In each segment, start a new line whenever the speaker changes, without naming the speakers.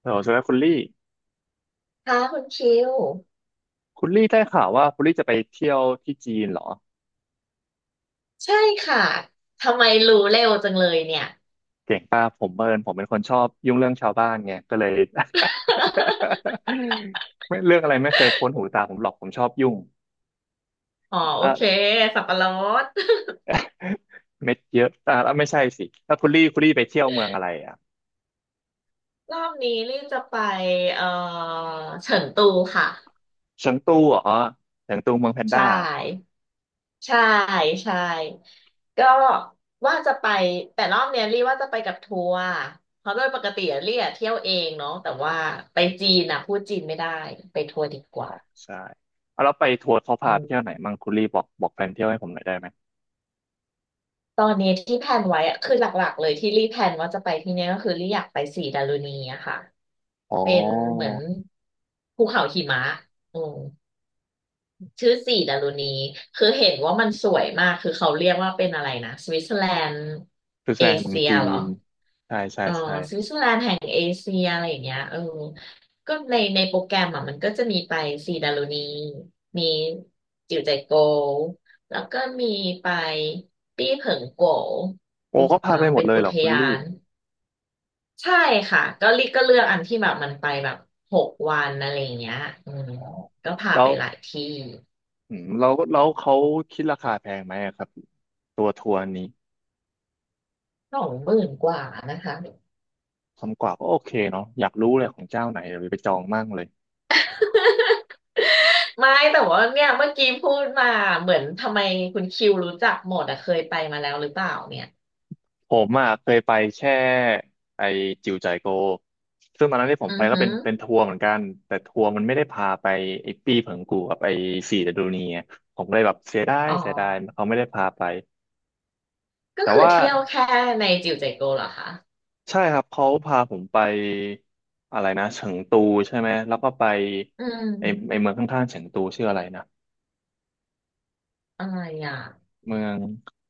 เออสวัสดีครับคุณลี่
ค่ะคุณคิว
คุณลี่ได้ข่าวว่าคุณลี่จะไปเที่ยวที่จีนเหรอ
ใช่ค่ะทำไมรู้เร็วจังเลยเนี่ย
เก่งป่ะผมเมินผมเป็นคนชอบยุ่งเรื่องชาวบ้านไงก็เลย ไม่เรื่องอะไรไม่เคยพ้นหูตาผมหรอกผมชอบยุ่ง
อ๋อโอเค
อ่ะ
สับปะรด
เม็ดเยอะอ่ะแล้วไม่ใช่สิแล้วคุณลี่คุณลี่ไปเที่ยวเมืองอะไรอ่ะ
รอบนี้รีบจะไปเอ่อเฉิงตูค่ะ
เฉิงตูเหรอเฉิงตูเมืองแพน
ใช
ด้า
่ใช่ใช่ก็ว่าจะไปแต่รอบเนี้ยรีว่าจะไปกับทัวร์เพราะโดยปกติอะรีอะเที่ยวเองเนาะแต่ว่าไปจีนอะพูดจีนไม่ได้ไปทัวร์ดีก
อ๋
ว่า
อใช่เอาแล้วไปทัวร์เขา
อื
พาไปเที่ยวไหน
ม
มั่งคุณลี่บอกแผนเที่ยวให้ผมหน่อยได้ไหม
ตอนนี้ที่แพลนไว้อะคือหลักๆเลยที่รีแพลนว่าจะไปที่เนี้ยก็คือรีอยากไปสีดารุณีอะค่ะ
อ๋อ
เป็นเหมือนภูเขาหิมะอืมชื่อสีดารุณีคือเห็นว่ามันสวยมาก คือเขาเรียกว่าเป็นอะไรนะสวิตเซอร์แลนด์
คือแส
เอ
ดงเมือง
เชีย
จี
เหรอ
นใช่ใช่
เออ
ใช่
สวิตเซอร์แลนด์แห่งเอเชียอะไรอย่างเงี้ยเออก็ในโปรแกรมอ่ะมันก็จะมีไปสีดารุณีมีจิวใจโกวแล้วก็มีไปปี้เผิงโกว
โอ้
อุ
ก็พา
อ่า
ไปหมด
เป็น
เลย
อุ
เหร
ท
อคุณ
ยา
ลี่
น ใช่ค่ะก็ลิก็เลือกอันที่แบบมันไปแบบ6 วันอะไรอย่างเงี้ยอืม
อ๋อ
ก็พา
แล้
ไป
ว
หลายที่
อืมแล้วเขาคิดราคาแพงไหมอะครับตัวทัวร์นี้
สองหมื่นกว่านะคะ
คนกว่าก็โอเคเนาะอยากรู้เลยของเจ้าไหนเดี๋ยวไปจองมั่งเลย
ไม่แต่ว่าเนี่ยเมื่อกี้พูดมาเหมือนทำไมคุณคิวรู้จักหมดอะเคยไปมาแล้วหรือเปล่าเนี่ย
ผมอ่ะเคยไปแค่ไอจิวใจายโกซึ่งตอนนั้นที่ผม
อื
ไป
อ
ก็
หื
เป็น
อ
เป็นทัวร์เหมือนกันแต่ทัวร์มันไม่ได้พาไปไอปีเผิงกูกับไอสี่เดอะดูนีอะผมเลยแบบเสียดาย
อ๋อ
เสียดายเขาไม่ได้พาไป
ก็
แต่
คือ
ว่า
เที่ยวแค่ในจิวเจโกเหรอคะ
ใช่ครับเขาพาผมไปอะไรนะเฉิงตูใช่ไหมแล้วก็ไป
อื
ไอไอ
ม
เมืองข้างๆเฉิงตูชื่ออะไรนะ
อะไรอ่ะ
เมือง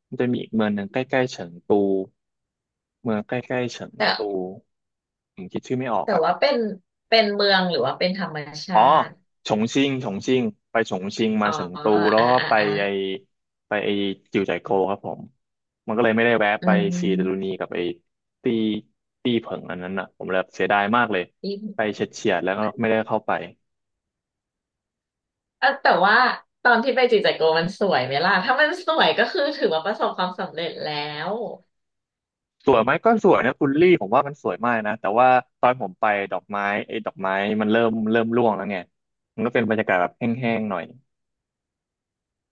มันจะมีอีกเมืองหนึ่งใกล้ๆเฉิงตูเมืองใกล้ๆเฉิง
แต่
ตูผมคิดชื่อไม่ออก
แต่
อ่ะ
ว่าเป็นเมืองหรือว่าเป็นธรรมชา
อ๋อ
ติ
ฉงชิ่งไปฉงชิ่งมา
อ๋อ
เฉิงตูแล้ว
อ่า
ก็
อ่า
ไป
อ่า
ไอไปไอจิวจ่ายโกวครับผมมันก็เลยไม่ได้แวะ
อื
ไปซีดารุณี
ม
กับไอตี้เผิงอันนั้นอ่ะผมเลยเสียดายมากเลยไปเฉียดๆแล้วก็ไม่ได้เข้าไป
เออแต่ว่าตอนที่ไปจิจักโกมันสวยไหมล่ะถ้ามันสวยก็คือถือว่าประสบความสำเร็จแล้ว
สวยไหมก็สวยนะคุณลี่ผมว่ามันสวยมากนะแต่ว่าตอนผมไปดอกไม้ไอ้ดอกไม้มันเริ่มร่วงแล้วไงมันก็เป็นบรรยากาศแบบแห้งๆหน่อย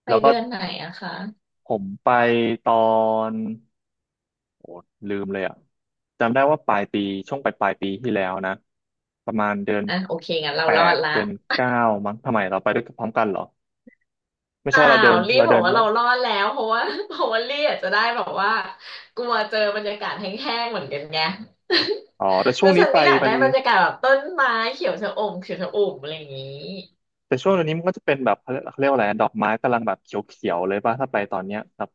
ไป
แล้วก็
เดือนไหนอะคะ
ผมไปตอนโอ้ลืมเลยอ่ะจำได้ว่าปลายปีช่วงปลายปีที่แล้วนะประมาณเดือน
อ่ะโอเคงั้นเรา
แป
รอด
ด
ละ
เดือน 9มั้งทำไมเราไปด้วยกันพร้อมกันเหรอไม่
เป
ใช่
ล่า
เราเดิน
รีบ
เรา
บอ
เดิ
ก
น
ว่า
แล้ว
เรารอดแล้วเพราะว่า เพราะว่ารีอาจจะได้แบบว่ากลัวเจอบรรยากาศแห้งๆเหมือนกันไง
อ๋อแต่ ช่ว
คือ
งนี้
ฉัน
ไป
ก็อยาก
มั
ได้
น
บรรยากาศแบบต้นไม้เขียวชะอมเขียวชะอุ่มอะไรอย่างนี้
แต่ช่วงนี้มันก็จะเป็นแบบเขาเรียกว่าอะไรดอกไม้กำลังแบบเขียวๆเลยป่ะถ้าไปตอนเนี้ยแบบ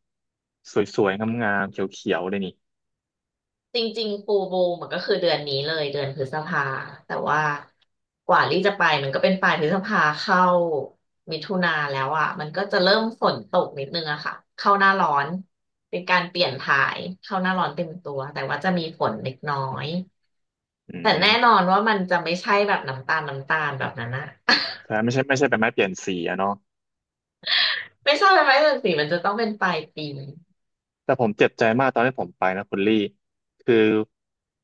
สวยๆงามๆเขียวๆเลยนี่
จริงๆฟูลมูนมันก็คือเดือนนี้เลยเดือนพฤษภาแต่ว่ากว่าลี่จะไปมันก็เป็นปลายพฤษภาเข้ามิถุนาแล้วอ่ะมันก็จะเริ่มฝนตกนิดนึงอะค่ะเข้าหน้าร้อนเป็นการเปลี่ยนถ่ายเข้าหน้าร้อนเต็มตัวแต่ว่าจะมีฝนเล็กน้อย
อื
แต่
ม
แน่นอนว่ามันจะไม่ใช่แบบน้ำตาลน้ำตาลแบบนั้นอะ
ใช่ไม่ใช่ไม่ใช่เป็นไม้เปลี่ยนสีอะเนาะ
ไม่ใช่ไม้ไม้เรือนสีมันจะต้องเป็นปลายปี
แต่ผมเจ็บใจมากตอนที่ผมไปนะคุณลี่คือ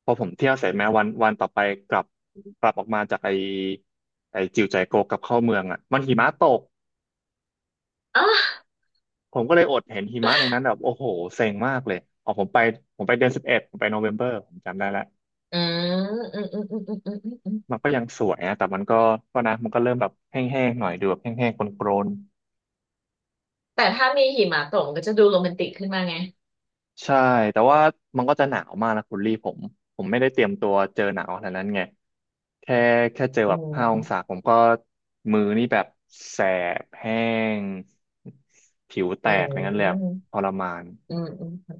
พอผมเที่ยวเสร็จแม้วันต่อไปกลับกลับออกมาจากไอจิวใจโกกลับเข้าเมืองอะมันหิมะตก
อ๋อ
ผมก็เลยอดเห็นหิมะในนั้นแบบโอ้โหเซ็งมากเลยอ๋อผมไปผมไปเดือน 11ผมไปโนเวมเบอร์ผมจำได้แล้ว
อืมอืมอืมอืมอืมอืมอื
มั
ม
นก็ยังสวยนะแต่มันก็ก็นะมันก็เริ่มแบบแห้งๆหน่อยดูแบบแห้งๆโกรน
แต่ถ้ามีหิมะตกมันก็จะดูโรแมนติกขึ้นมาไง
ๆใช่ แต่ว่ามันก็จะหนาวมากนะคุณลี่ผม ผมไม่ได้เตรียมตัวเจอหนาวขนาดนั้นไง แค่แค่เจอ
อื
แบบ5 องศา
ม
ผมก็มือนี่แบบแสบแห้งผิวแต
อื
ก
ม
อะไรเงี้ยเลยอะทรมาน
อืม อืม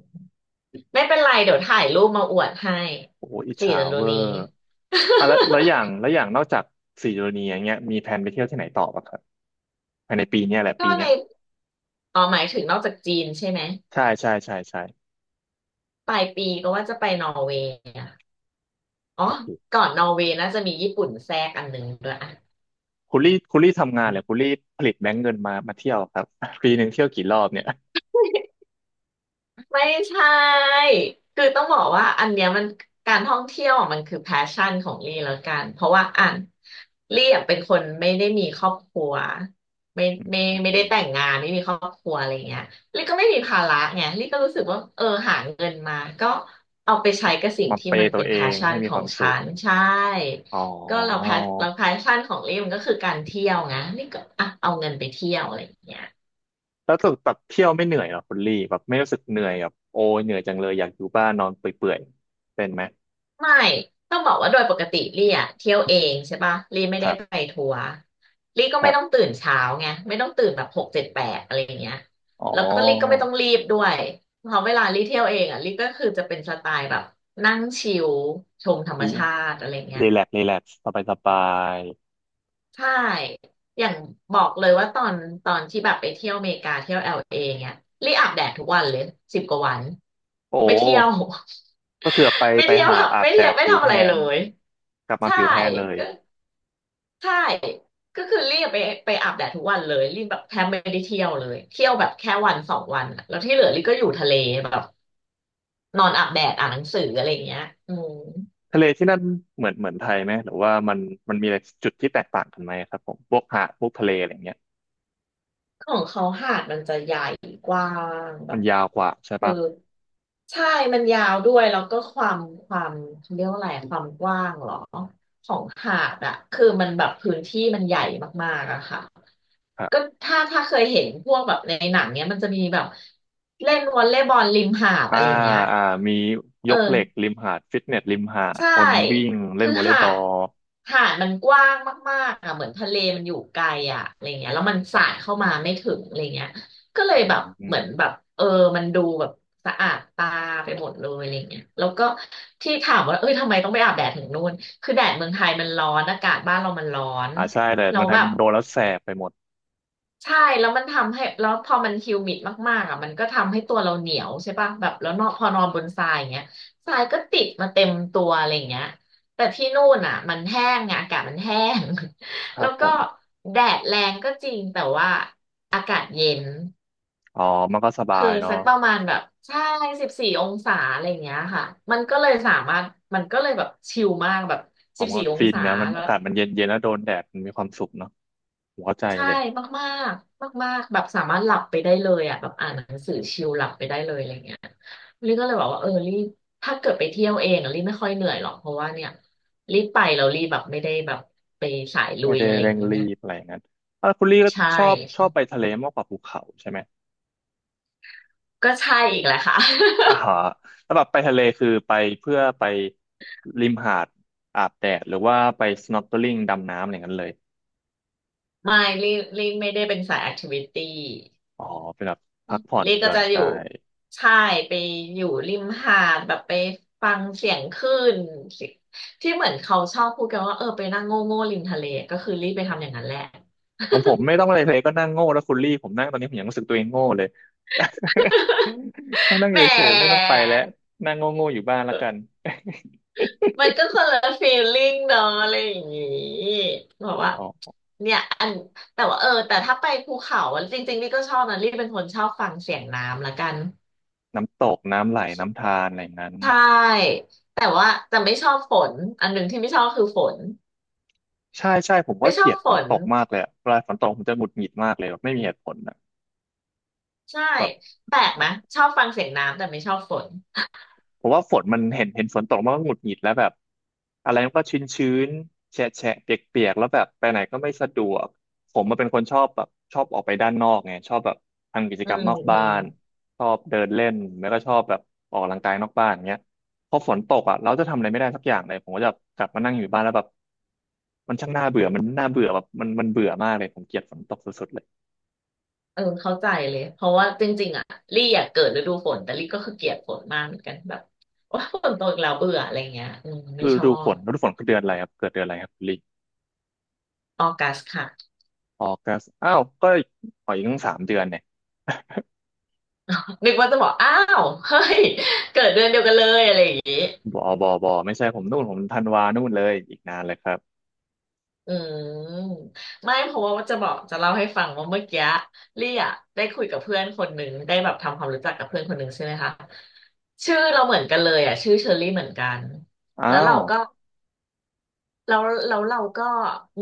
ไม่เป็นไรเดี๋ยวถ่ายรูปมาอวดให้
โอ้โหอิจ
สี่
ฉา
ฤดู
เวอ
นี้
ร์อ่ะแล้วแล้วอ ย่างแล้วอย่างนอกจากสี่โดนีอย่างเงี้ยมีแผนไปเที่ยวที่ไหนต่อป่ะครับภายในปีเนี้ยแหละปี
ก็ใน
เนี้ย
อ๋อหมายถึงนอกจากจีนใช่ไหม
ใช่ใช่ใช่ใช่
ปลายปีก็ว่าจะไปนอร์เวย์อะอ๋อ
โอ้โห
ก่อนนอร์เวย์น่าจะมีญี่ปุ่นแทรกอันหนึ่งด้วยอะ
คุณลี่คุณลี่ทำงานเลยคุณลี่ผลิตแบงก์เงินมาเที่ยวครับ ปีหนึ่งเที่ยวกี่รอบเนี่ย
ไม่ใช่คือต้องบอกว่าอันเนี้ยมันการท่องเที่ยวอะมันคือแพชชั่นของลี่แล้วกันเพราะว่าอ่ะลี่อะเป็นคนไม่ได้มีครอบครัวไม่ไม่
อื
ไม่ได้
ม
แต่งงานไม่มีครอบครัวอะไรเงี้ยลี่ก็ไม่มีภาระไงลี่ก็รู้สึกว่าเออหาเงินมาก็เอาไปใช้กับสิ่ง
มา
ที่
เป
มัน
ย์ตั
เป็
ว
น
เอ
แพช
ง
ชั่
ให้
น
มี
ข
ค
อ
วา
ง
ม
ฉั
สุข
นใช่
อ๋
ก็เรา
อ
แพชเราแพชชั่นของลี่มันก็คือการเที่ยวไงลี่ก็อ่ะเอาเงินไปเที่ยวอะไรเงี้ย
แล้วสึกแบบเที่ยวไม่เหนื่อยเหรอคุณลี่แบบไม่รู้สึกเหนื่อยแบบโอ้ยเหนื่อยจังเลยอยากอยู่บ้านนอนเปื่อยๆเป็นไหม
ไม่ต้องบอกว่าโดยปกติลี่อ่ะเที่ยวเองใช่ปะลี่ไม่
ค
ได้
รับ
ไปทัวร์ลี่ก็
ค
ไม่
รับ
ต้องตื่นเช้าไงไม่ต้องตื่นแบบหกเจ็ดแปดอะไรอย่างเงี้ย
อ๋
แล้วก็ลี่ก็ไม่
อ
ต้องรีบด้วยเพราะเวลาลี่เที่ยวเองอ่ะลี่ก็คือจะเป็นสไตล์แบบนั่งชิลชมธรรม
รี
ชาติอะไรเงี้ย
แลกซ์รีแลกซ์สบายสบาย
ใช่อย่างบอกเลยว่าตอนที่แบบไปเที่ยวอเมริกาเที่ยวเอลเอเงี้ยลี่อาบแดดทุกวันเลย10 กว่าวัน
โอ้
ไม่เที่ยว
ก็คือไป
ไม่
ไป
เที่ยว
หาดอา
ทำ
บ
ไม่
แด
เที่ยว
ด
ไม่
ผิว
ทำ
แท
อะไรเล
น
ย
กลับมา
ใช่
ผิวแทนเลย
ใช่ ก็คือรีบไปไปอาบแดดทุกวันเลยรีบแบบแทบไม่ได้เที่ยวเลยเที่ยวแบบแค่วันสองวันอะแล้วที่เหลือรีก็อยู่ทะเลแบบนอนอาบแดดอ่านหนังสืออะไรอย่างเงี้ยอืม
ทะเลที่นั่นเหมือนเหมือนไทยไหมหรือว่ามันมันมีอะไรจุดที่แตกต่างกันไหมครับผมพวกหาดพวกทะเลอะไรเงี้ย
ของเขาหาดมันจะใหญ่กว้างแบ
มัน
บ
ยาวกว่าใช่
คือ
ปะ
ใช่มันยาวด้วยแล้วก็ความเขาเรียกว่าอะไรความกว้างเหรอของหาดอะคือมันแบบพื้นที่มันใหญ่มากๆอะค่ะ
ครั
ก็
บ
ถ้าเคยเห็นพวกแบบในหนังเนี้ยมันจะมีแบบเล่นวอลเลย์บอลริมหาด
อ่า
อะไรอย่างเงี้ย
อ่ามีย
เออ
กเหล็กริมหาดฟิตเนสริมหาด
ใช่
คนวิ่งเล่
คื
น
อ
วอลเลย์
หา
บอ
ด
ล
หาดมันกว้างมากๆอ่ะเหมือนทะเลมันอยู่ไกลอ่ะอะไรเงี้ยแล้วมันสาดเข้ามาไม่ถึงอะไรเงี้ยก็เลย
อื
แบ
ม
บ
อ
เหมื
ม
อนแบบเออมันดูแบบสะอาดตาไปหมดเลยอะไรเงี้ยแล้วก็ที่ถามว่าเอ้ยทำไมต้องไปอาบแดดถึงนู่นคือแดดเมืองไทยมันร้อนอากาศบ้านเรามันร้อน
อ่าใช่แต่
เรา
เมือง
แล้
ไท
วแบ
ยมั
บ
นโดนแล้วแสบไปหมด
ใช่แล้วมันทำให้แล้วพอมันฮิวมิดมากๆอ่ะมันก็ทำให้ตัวเราเหนียวใช่ป่ะแบบแล้วนอนพอนอนบนทรายอย่างเงี้ยทรายก็ติดมาเต็มตัวอะไรอย่างเงี้ยแต่ที่นู่นอ่ะมันแห้งไงอากาศมันแห้ง
ค รั
แล้
บ
ว
ผ
ก็
ม
แดดแรงก็จริงแต่ว่าอากาศเย็น
อ๋อมันก็สบา
คือ
ยเนาะ
สักประมาณแบบใช่สิบสี่องศาอะไรอย่างเงี้ยค่ะมันก็เลยสามารถมันก็เลยแบบชิลมากแบบ
อ๋อ
สิบ
มัน
สี่
ก็
อง
ฟิน
ศา
นะมัน
แล้
อา
ว
กาศมันเย็นเย็นแล้วโดนแดดมันมีความสุขเนาะหัวใจ
ใช่
เลย
มากๆมากๆแบบสามารถหลับไปได้เลยอ่ะแบบอ่านหนังสือชิลหลับไปได้เลยอะไรเงี้ยลี่ก็เลยบอกว่าเออลี่ถ้าเกิดไปเที่ยวเองอะลี่ไม่ค่อยเหนื่อยหรอกเพราะว่าเนี่ยลี่ไปแล้วลี่แบบไม่ได้แบบไปสายลุ
ไม่
ย
ได้
อะไรอ
เร่
ย่า
ง
ง
รี
เงี้ย
บอะไรอย่างนั้นอ่ะคุณลี่ก็
ใช่
ชอบไป
ใช่
ทะเลมากกว่าภูเขาใช่ไหม
ก็ใช่อีกแหละค่ะ
อ่าฮะแล้วแบบไปทะเลคือไปเพื่อไปริมหาดอาบแดดหรือว่าไป snorkeling ดำน้ำอะไรอย่างนั้นเลย
ไม่ลี่ลี่ไม่ได้เป็นสายแอคทิวิตี้
อ๋อเป็นแบบพักผ่อน
ลี่
ห
ก็
ย่อน
จะอ
ใจ
ยู่ใช่ไปอยู่ริมหาดแบบไปฟังเสียงคลื่นสิที่เหมือนเขาชอบพูดกันว่าเออไปนั่งโง่โง่ริมทะเลก็คือลี่ไปทำอย่างนั้นแหละ
ของผมไม่ต้องอะไรเลยก็นั่งโง่แล้วคุณลี่ผมนั่งตอนนี้ผมยังรู้สึกตัวเองโง่เลย นั่งนั่งอ
แหม
ยู่เฉยๆไม่ต้องไปแล้วนั่งโง่ๆอยู่บ้านแล้วกัน
มันก็คนละฟีลลิ่งเนาะอะไรอย่างงี้บอกว่า
อ๋อ
เนี่ยอันแต่ว่าเออแต่ถ้าไปภูเขาอะจริงๆลี่ก็ชอบนะลี่เป็นคนชอบฟังเสียงน้ำละกัน
น้ำตกน้ำไหลน้ำธารอะไรอย่างนั้น
ใช่แต่ว่าจะไม่ชอบฝนอันหนึ่งที่ไม่ชอบคือฝน
ใช่ใช่ผมว่า
ไม่ช
เก
อ
ลี
บ
ยด
ฝ
ฝน
น
ตกมากเลยอะเวลาฝนตกผมจะหงุดหงิดมากเลยแบบไม่มีเหตุผลนะ
ใช่
แบบ
แปลกไหะชอบฟังเสียงน้ำแต่ไม่ชอบฝน
ผมว่าฝนมันเห็นฝนตกมันก็หงุดหงิดแล้วแบบอะไรมันก็ชื้นชื้นแฉะแฉะเปียกเปียกๆแล้วแบบไปไหนก็ไม่สะดวกผมมันเป็นคนชอบแบบชอบออกไปด้านนอกไงชอบแบบทำกิจ
อื
กรรม
ม
นอก
อื
บ้า
ม
นชอบเดินเล่นแล้วก็ชอบแบบออกกำลังกายนอกบ้านอย่างเงี้ยพอฝนตกอ่ะเราจะทำอะไรไม่ได้สักอย่างเลยผมก็จะกลับมานั่งอยู่บ้านแล้วแบบมันช่างน่าเบื่อมันน่าเบื่อแบบมันเบื่อมากเลยผมเกลียดฝนตกสุดๆเลย
เออเข้าใจเลยเพราะว่าจริงๆอ่ะลี่อยากเกิดฤดูฝนแต่ลี่ก็คือเกลียดฝนมากเหมือนกันแบบว่าฝนตกอีกแล้วเบื่ออะไรเงี้ยอืมไม่
ฤ
ชอ
ดูฝ
บ
นฤดูฝนคือเดือนอะไรครับเกิดเดือนอะไรครับคุณลิ
ออกัสค่ะ
ออกัสอ้าวก็อีกอออีกตั้งสามเดือนเนี่ย
นึกว่าจะบอกอ้าวเฮ้ยเกิดเดือนเดียวกันเลยอะไรอย่างงี้
บอไม่ใช่ผมนู่นผมธันวานู่นเลยอีกนานเลยครับ
อืมไม่เพราะว่าจะบอกจะเล่าให้ฟังว่าเมื่อกี้ลี่อะได้คุยกับเพื่อนคนหนึ่งได้แบบทำความรู้จักกับเพื่อนคนหนึ่งใช่ไหมคะชื่อเราเหมือนกันเลยอ่ะชื่อเชอรี่เหมือนกัน
อ้า
แล้วเรา
ว
ก็ แล้วแล้วเราก็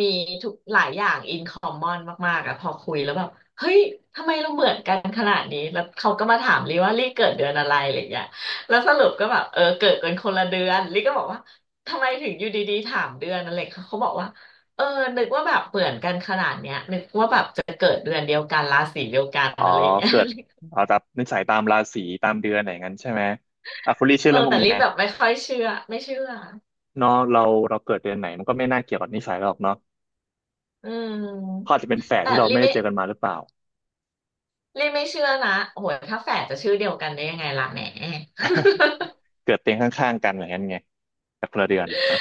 มีทุกหลายอย่างอินคอมมอนมากๆอะพอคุยแล้วแบบเฮ้ยทำไมเราเหมือนกันขนาดนี้แล้วเขาก็มาถามลิว่าลิเกิดเดือนอะไรอะไรอย่างเงี้ยแล้วสรุปก็แบบเออเกิดกันคนละเดือนลิก็บอกว่าทำไมถึงอยู่ดีๆถามเดือนอะไรเขาเขาบอกว่าเออนึกว่าแบบเหมือนกันขนาดเนี้ยนึกว่าแบบจะเกิดเดือนเดียวกันราศีเดียวกัน
อ๋อ
อะไรอย่างเงี้ย
เกิดเอาตามนิสัยตามราศีตามเดือนอะไรอย่างนั้นใช่ไหมอ่ะคุณลี่ เชื่อ
เออ
เรื่องพว
แต่
กนี้
ลิ
ไหม
แบบไม่ค่อยเชื่อไม่เชื่อ
เนาะเราเราเกิดเดือนไหนมันก็ไม่น่าเกี่ยวกับนิสัยเราหรอกเนาะ
อื
เขา
ม
อาจจะเป็นแฝด
แต่
ที่เรา
ลิ
ไม่ได้
ไม่
เจอกันมาหรือเปล่า
ลี่ไม่เชื่อนะโอ้โหถ้าแฝดจะชื่อเดียวกันได้ยังไงล่ะแหม
เกิดเตียงข้างๆกันอะไรอย่างนั้นไงแต่คนละเดือนอ่ะ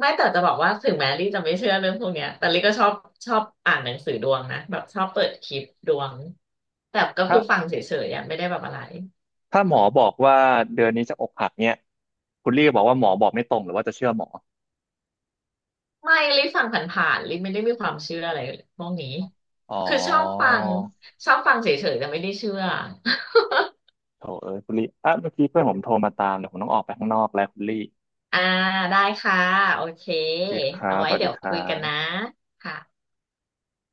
ไม่แต่จะบอกว่าถึงแม้ลี่จะไม่เชื่อเรื่องพวกเนี้ยแต่ลี่ก็ชอบอ่านหนังสือดวงนะแบบชอบเปิดคลิปดวง แต่ก็
ถ้า
คือฟังเฉยๆอ่ะไม่ได้แบบอะไร
ถ้าหมอบอกว่าเดือนนี้จะอกหักเนี่ยคุณลี่บอกว่าหมอบอกไม่ตรงหรือว่าจะเชื่อหมอ
ไม่ลี่ฟังผ่านๆลี่ไม่ได้มีความเชื่ออะไรพวกนี้
อ๋อ
คือชอบฟังเฉยๆแต่ไม่ได้เชื่อ
โถเอ้ยคุณลี่ อ่ะเมื่อกี้เพื่อนผมโทรมาตามเดี๋ยวผมต้องออกไปข้างนอกแล้วคุณลี่
อ่าได้ค่ะโอเค
โอเคครั
เอา
บ
ไว้
สวัส
เดี๋
ดี
ยว
ค
คุย
รั
กัน
บ
นะค่ะ